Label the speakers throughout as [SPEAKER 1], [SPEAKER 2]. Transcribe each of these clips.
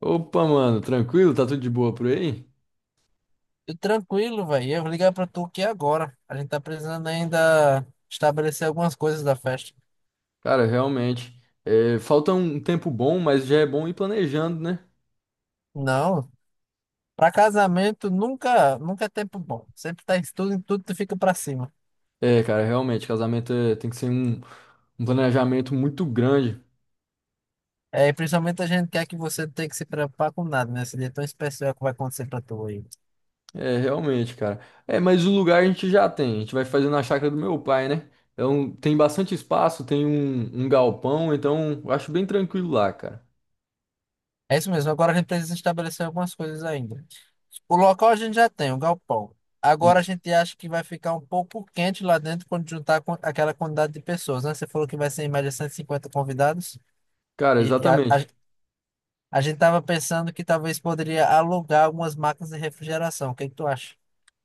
[SPEAKER 1] Opa, mano, tranquilo? Tá tudo de boa por aí?
[SPEAKER 2] Eu Tranquilo, velho. Eu vou ligar pra tu aqui agora. A gente tá precisando ainda estabelecer algumas coisas da festa.
[SPEAKER 1] Cara, realmente. É, falta um tempo bom, mas já é bom ir planejando, né?
[SPEAKER 2] Não, pra casamento nunca, nunca é tempo bom. Sempre tá em tudo tu fica pra cima.
[SPEAKER 1] É, cara, realmente, casamento é- tem que ser um, um planejamento muito grande.
[SPEAKER 2] É, e principalmente a gente quer que você não tenha que se preocupar com nada, né? Esse dia tão especial que vai acontecer pra tu aí.
[SPEAKER 1] É, realmente, cara. É, mas o lugar a gente já tem. A gente vai fazer na chácara do meu pai, né? Então tem bastante espaço, tem um, um galpão, então eu acho bem tranquilo lá, cara.
[SPEAKER 2] É isso mesmo. Agora a gente precisa estabelecer algumas coisas ainda. O local a gente já tem, o galpão. Agora a
[SPEAKER 1] Isso.
[SPEAKER 2] gente acha que vai ficar um pouco quente lá dentro quando juntar com aquela quantidade de pessoas, né? Você falou que vai ser em média 150 convidados.
[SPEAKER 1] Cara,
[SPEAKER 2] E, e a, a,
[SPEAKER 1] exatamente.
[SPEAKER 2] a gente estava pensando que talvez poderia alugar algumas máquinas de refrigeração. O que que tu acha?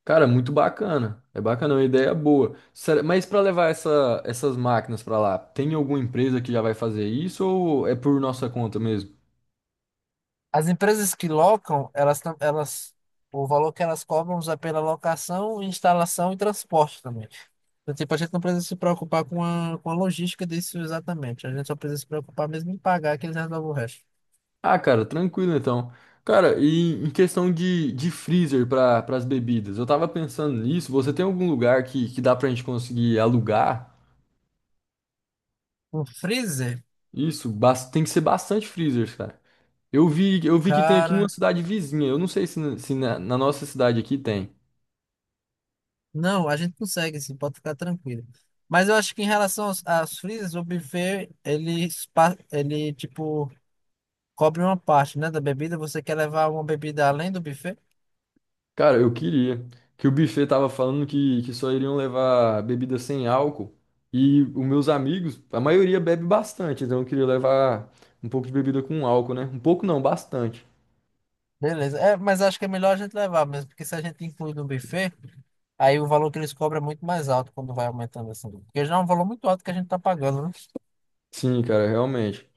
[SPEAKER 1] Cara, muito bacana. É bacana, é uma ideia boa. Será- Mas para levar essa- essas máquinas para lá, tem alguma empresa que já vai fazer isso ou é por nossa conta mesmo?
[SPEAKER 2] As empresas que locam, o valor que elas cobram é pela locação, instalação e transporte também. Então, tipo, a gente não precisa se preocupar com a logística disso exatamente. A gente só precisa se preocupar mesmo em pagar que eles resolvem o resto.
[SPEAKER 1] Ah, cara, tranquilo então. Cara, e em questão de, freezer para as bebidas, eu tava pensando nisso. Você tem algum lugar que dá pra gente conseguir alugar?
[SPEAKER 2] Um freezer?
[SPEAKER 1] Isso, bas- tem que ser bastante freezers, cara. Eu vi que tem aqui numa
[SPEAKER 2] Cara,
[SPEAKER 1] cidade vizinha. Eu não sei se, na- se na nossa cidade aqui tem.
[SPEAKER 2] não, a gente consegue, sim, pode ficar tranquilo. Mas eu acho que em relação aos freezers, o buffet, ele, tipo, cobre uma parte, né, da bebida. Você quer levar uma bebida além do buffet?
[SPEAKER 1] Cara, eu queria. Que o buffet tava falando que só iriam levar bebida sem álcool. E os meus amigos, a maioria bebe bastante, então eu queria levar um pouco de bebida com álcool, né? Um pouco não, bastante.
[SPEAKER 2] Beleza. É, mas acho que é melhor a gente levar mesmo, porque se a gente inclui no buffet, aí o valor que eles cobram é muito mais alto quando vai aumentando assim. Porque já é um valor muito alto que a gente tá pagando, né?
[SPEAKER 1] Sim, cara, realmente.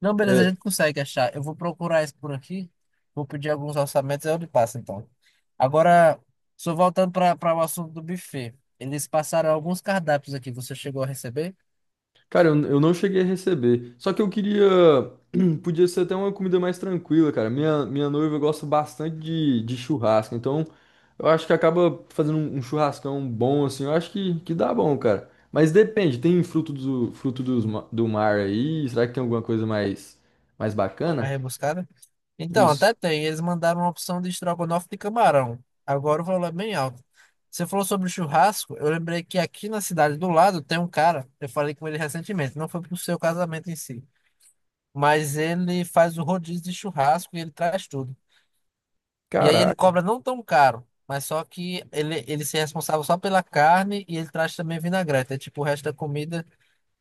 [SPEAKER 2] Não, beleza, a
[SPEAKER 1] É,
[SPEAKER 2] gente consegue achar. Eu vou procurar isso por aqui, vou pedir alguns orçamentos, aí eu lhe passo então. Agora, só voltando para o assunto do buffet. Eles passaram alguns cardápios aqui. Você chegou a receber?
[SPEAKER 1] cara, eu não cheguei a receber. Só que eu queria. Podia ser até uma comida mais tranquila, cara. Minha noiva gosta bastante de, churrasco. Então, eu acho que acaba fazendo um, um churrascão bom, assim. Eu acho que dá bom, cara. Mas depende, tem fruto do, fruto dos, ma- do mar aí? Será que tem alguma coisa mais, mais
[SPEAKER 2] Na
[SPEAKER 1] bacana?
[SPEAKER 2] rebuscada? Então,
[SPEAKER 1] Isso.
[SPEAKER 2] até tem. Eles mandaram uma opção de estrogonofe de camarão. Agora o valor é bem alto. Você falou sobre o churrasco, eu lembrei que aqui na cidade do lado tem um cara, eu falei com ele recentemente, não foi pro seu casamento em si, mas ele faz o rodízio de churrasco e ele traz tudo. E aí ele
[SPEAKER 1] Caraca.
[SPEAKER 2] cobra não tão caro, mas só que ele se é responsável só pela carne e ele traz também vinagrete, é tipo o resto da comida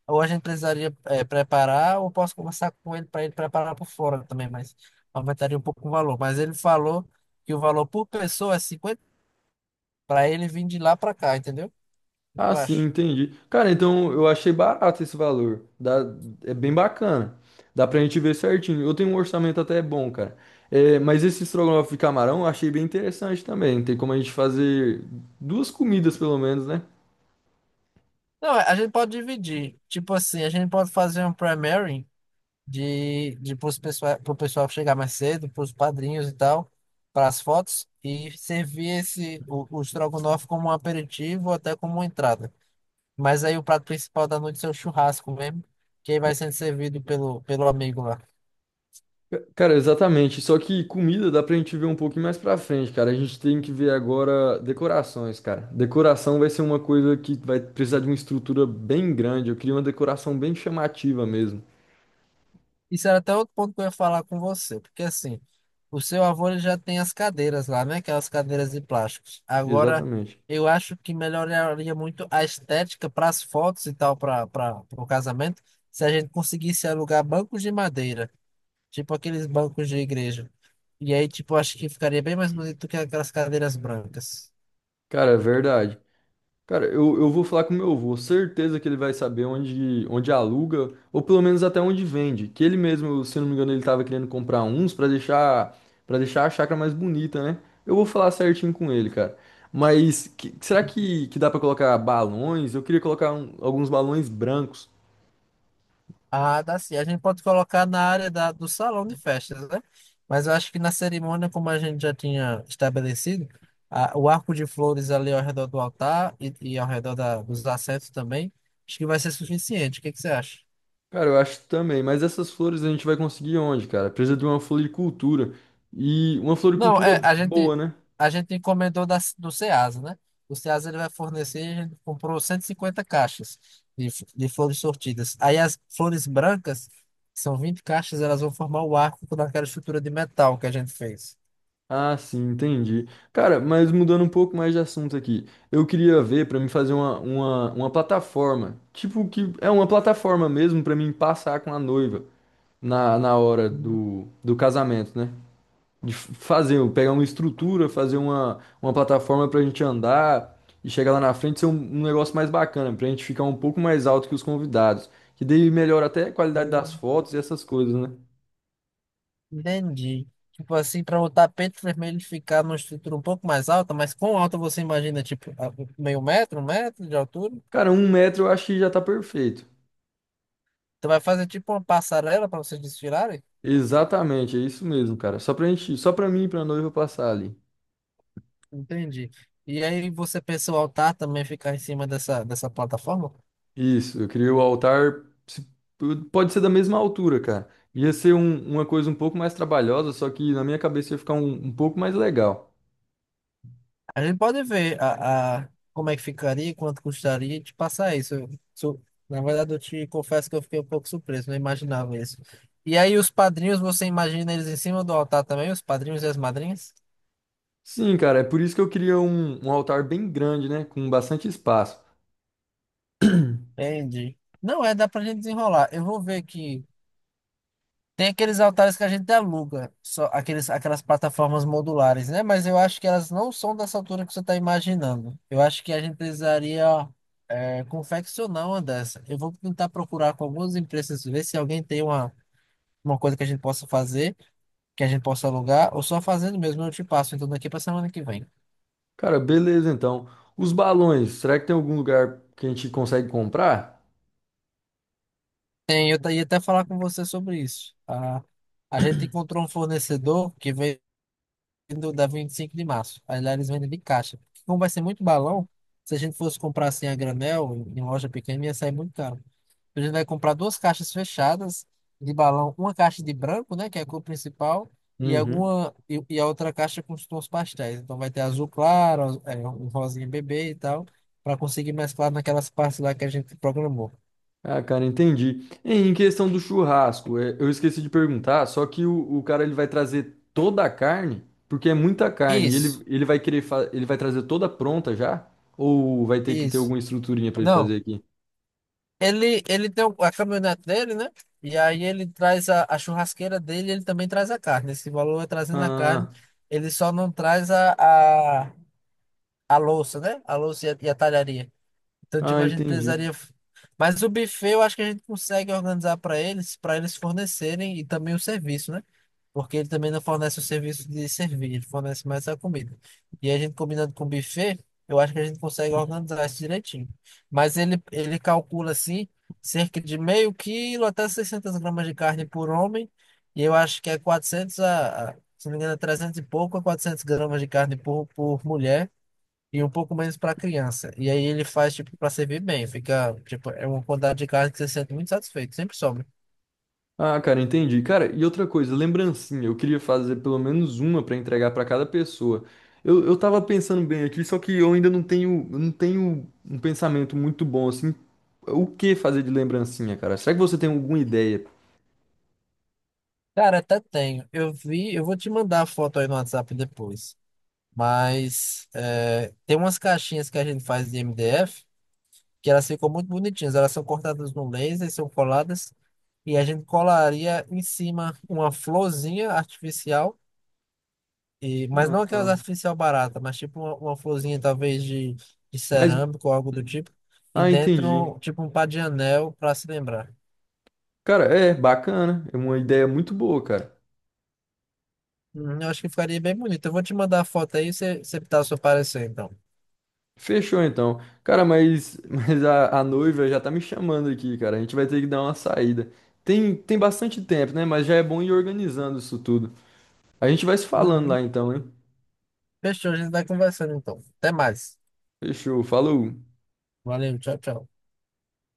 [SPEAKER 2] ou a gente precisaria preparar, ou posso conversar com ele para ele preparar por fora também, mas aumentaria um pouco o valor. Mas ele falou que o valor por pessoa é 50 para ele vir de lá para cá, entendeu? O que tu
[SPEAKER 1] Ah, sim,
[SPEAKER 2] acha?
[SPEAKER 1] entendi. Cara, então eu achei barato esse valor. Dá, é bem bacana. Dá pra gente ver certinho. Eu tenho um orçamento até bom, cara. É, mas esse estrogonofe de camarão eu achei bem interessante também. Tem como a gente fazer duas comidas, pelo menos, né?
[SPEAKER 2] Não, a gente pode dividir. Tipo assim, a gente pode fazer um primary pro pessoal chegar mais cedo, para os padrinhos e tal, para as fotos, e servir esse, o estrogonofe como um aperitivo ou até como uma entrada. Mas aí o prato principal da noite é o churrasco mesmo, que aí vai sendo servido pelo amigo lá.
[SPEAKER 1] Ca- Cara, exatamente. Só que comida dá pra gente ver um pouquinho mais pra frente, cara. A gente tem que ver agora decorações, cara. Decoração vai ser uma coisa que vai precisar de uma estrutura bem grande. Eu queria uma decoração bem chamativa mesmo.
[SPEAKER 2] Isso era até outro ponto que eu ia falar com você, porque assim, o seu avô ele já tem as cadeiras lá, né? Aquelas cadeiras de plásticos. Agora,
[SPEAKER 1] Exatamente.
[SPEAKER 2] eu acho que melhoraria muito a estética para as fotos e tal, para o casamento, se a gente conseguisse alugar bancos de madeira, tipo aqueles bancos de igreja. E aí, tipo, acho que ficaria bem mais bonito do que aquelas cadeiras brancas.
[SPEAKER 1] Cara, é verdade. Cara, eu vou falar com meu avô, certeza que ele vai saber onde, onde aluga, ou pelo menos até onde vende. Que ele mesmo, se não me engano, ele tava querendo comprar uns pra deixar para deixar a chácara mais bonita, né? Eu vou falar certinho com ele, cara. Mas que- será que dá pra colocar balões? Eu queria colocar um- alguns balões brancos.
[SPEAKER 2] Ah, dá sim. A gente pode colocar na área do salão de festas, né? Mas eu acho que na cerimônia, como a gente já tinha estabelecido, o arco de flores ali ao redor do altar e ao redor dos assentos também, acho que vai ser suficiente. O que que você acha?
[SPEAKER 1] Cara, eu acho também, mas essas flores a gente vai conseguir onde, cara? Precisa de uma floricultura. E uma
[SPEAKER 2] Não, é,
[SPEAKER 1] floricultura
[SPEAKER 2] a
[SPEAKER 1] boa,
[SPEAKER 2] gente,
[SPEAKER 1] né?
[SPEAKER 2] A gente encomendou do Ceasa, né? O Ceasa ele vai fornecer, a gente comprou 150 caixas de flores sortidas. Aí as flores brancas, que são 20 caixas, elas vão formar o arco naquela estrutura de metal que a gente fez.
[SPEAKER 1] Ah, sim, entendi. Cara, mas mudando um pouco mais de assunto aqui, eu queria ver pra mim fazer uma plataforma, tipo que é uma plataforma mesmo pra mim passar com a noiva na, hora do, do casamento, né? De f- fazer, pegar uma estrutura, fazer uma plataforma pra gente andar e chegar lá na frente ser um, um negócio mais bacana, pra gente ficar um pouco mais alto que os convidados, que daí melhora até a qualidade das
[SPEAKER 2] Hum,
[SPEAKER 1] fotos e essas coisas, né?
[SPEAKER 2] Entendi. Tipo assim, para o tapete vermelho ficar numa estrutura um pouco mais alta, mas quão alta você imagina? Meio metro, um metro de altura?
[SPEAKER 1] Cara, um metro eu acho que já tá perfeito.
[SPEAKER 2] Você vai fazer tipo uma passarela para vocês desfilarem?
[SPEAKER 1] Exatamente, é isso mesmo, cara. Só pra gente, só pra mim e pra noiva passar ali.
[SPEAKER 2] Entendi. E aí você pensa o altar também ficar em cima dessa plataforma?
[SPEAKER 1] Isso, eu queria o altar, se- pode ser da mesma altura, cara. Ia ser um- uma coisa um pouco mais trabalhosa, só que na minha cabeça ia ficar um, um pouco mais legal.
[SPEAKER 2] A gente pode ver como é que ficaria, quanto custaria e te passar isso. Na verdade, eu te confesso que eu fiquei um pouco surpreso, não imaginava isso. E aí os padrinhos, você imagina eles em cima do altar também, os padrinhos e as madrinhas?
[SPEAKER 1] Sim, cara, é por isso que eu queria um, um altar bem grande, né? Com bastante espaço.
[SPEAKER 2] Entendi. Não, é, Dá pra gente desenrolar. Eu vou ver que tem aqueles altares que a gente aluga, só aqueles, aquelas plataformas modulares, né? Mas eu acho que elas não são dessa altura que você está imaginando. Eu acho que a gente precisaria confeccionar uma dessa. Eu vou tentar procurar com algumas empresas, ver se alguém tem uma coisa que a gente possa fazer, que a gente possa alugar, ou só fazendo mesmo, eu te passo, então daqui para semana que vem.
[SPEAKER 1] Cara, beleza então. Os balões, será que tem algum lugar que a gente consegue comprar?
[SPEAKER 2] Tem, ia até falar com você sobre isso. A gente encontrou um fornecedor que veio do- da 25 de março. Aí lá eles vendem de caixa. Porque como vai ser muito balão, se a gente fosse comprar assim a granel, em loja pequena, ia sair muito caro. A gente vai comprar duas caixas fechadas de balão, uma caixa de branco, né, que é a cor principal, e
[SPEAKER 1] Uhum.
[SPEAKER 2] a outra caixa com os tons pastéis. Então vai ter azul claro, um rosinha bebê e tal, para conseguir mesclar naquelas partes lá que a gente programou.
[SPEAKER 1] Ah, cara, entendi. Em questão do churrasco, é, eu esqueci de perguntar, só que o cara ele vai trazer toda a carne, porque é muita carne, e
[SPEAKER 2] Isso,
[SPEAKER 1] ele vai querer fa- ele vai trazer toda pronta já? Ou vai ter que ter
[SPEAKER 2] isso.
[SPEAKER 1] alguma estruturinha pra ele fazer
[SPEAKER 2] Não.
[SPEAKER 1] aqui?
[SPEAKER 2] Ele tem a caminhonete dele, né? E aí ele traz a churrasqueira dele, ele também traz a carne. Esse valor é trazendo a carne.
[SPEAKER 1] Ah,
[SPEAKER 2] Ele só não traz a louça, né? A louça e a talharia. Então,
[SPEAKER 1] ah,
[SPEAKER 2] tipo, a gente
[SPEAKER 1] entendi.
[SPEAKER 2] precisaria. Mas o buffet eu acho que a gente consegue organizar para eles fornecerem e também o serviço, né? Porque ele também não fornece o serviço de servir, ele fornece mais a comida. E a gente combinando com o buffet, eu acho que a gente consegue organizar isso direitinho. Mas ele calcula assim, cerca de meio quilo até 600 gramas de carne por homem, e eu acho que é 400 se não me engano, é 300 e pouco a 400 gramas de carne por mulher. E um pouco menos para criança. E aí ele faz, tipo, para servir bem. Fica, tipo, é uma quantidade de carne que você se sente muito satisfeito. Sempre sobra.
[SPEAKER 1] Ah, cara, entendi. Cara, e outra coisa, lembrancinha. Eu queria fazer pelo menos uma pra entregar pra cada pessoa. Eu tava pensando bem aqui, só que eu ainda não tenho, não tenho um pensamento muito bom assim. O que fazer de lembrancinha, cara? Será que você tem alguma ideia?
[SPEAKER 2] Cara, até tenho. Eu vi, eu vou te mandar a foto aí no WhatsApp depois. Mas é, tem umas caixinhas que a gente faz de MDF que elas ficam muito bonitinhas. Elas são cortadas no laser, são coladas e a gente colaria em cima uma florzinha artificial, mas não
[SPEAKER 1] Ah,
[SPEAKER 2] aquelas
[SPEAKER 1] ah.
[SPEAKER 2] artificial barata, mas tipo uma florzinha talvez de
[SPEAKER 1] Mas,
[SPEAKER 2] cerâmico ou algo do tipo. E
[SPEAKER 1] ah, entendi.
[SPEAKER 2] dentro, tipo um par de anel para se lembrar.
[SPEAKER 1] Cara, é bacana. É uma ideia muito boa, cara.
[SPEAKER 2] Eu acho que ficaria bem bonito. Eu vou te mandar a foto aí, e você tá o seu parecer então.
[SPEAKER 1] Fechou então. Cara, mas, mas a noiva já tá me chamando aqui, cara. A gente vai ter que dar uma saída. Tem bastante tempo, né? Mas já é bom ir organizando isso tudo. A gente vai se falando
[SPEAKER 2] Uhum.
[SPEAKER 1] lá então, hein?
[SPEAKER 2] Fechou, a gente vai conversando então. Até mais.
[SPEAKER 1] Fechou, falou.
[SPEAKER 2] Valeu, tchau, tchau.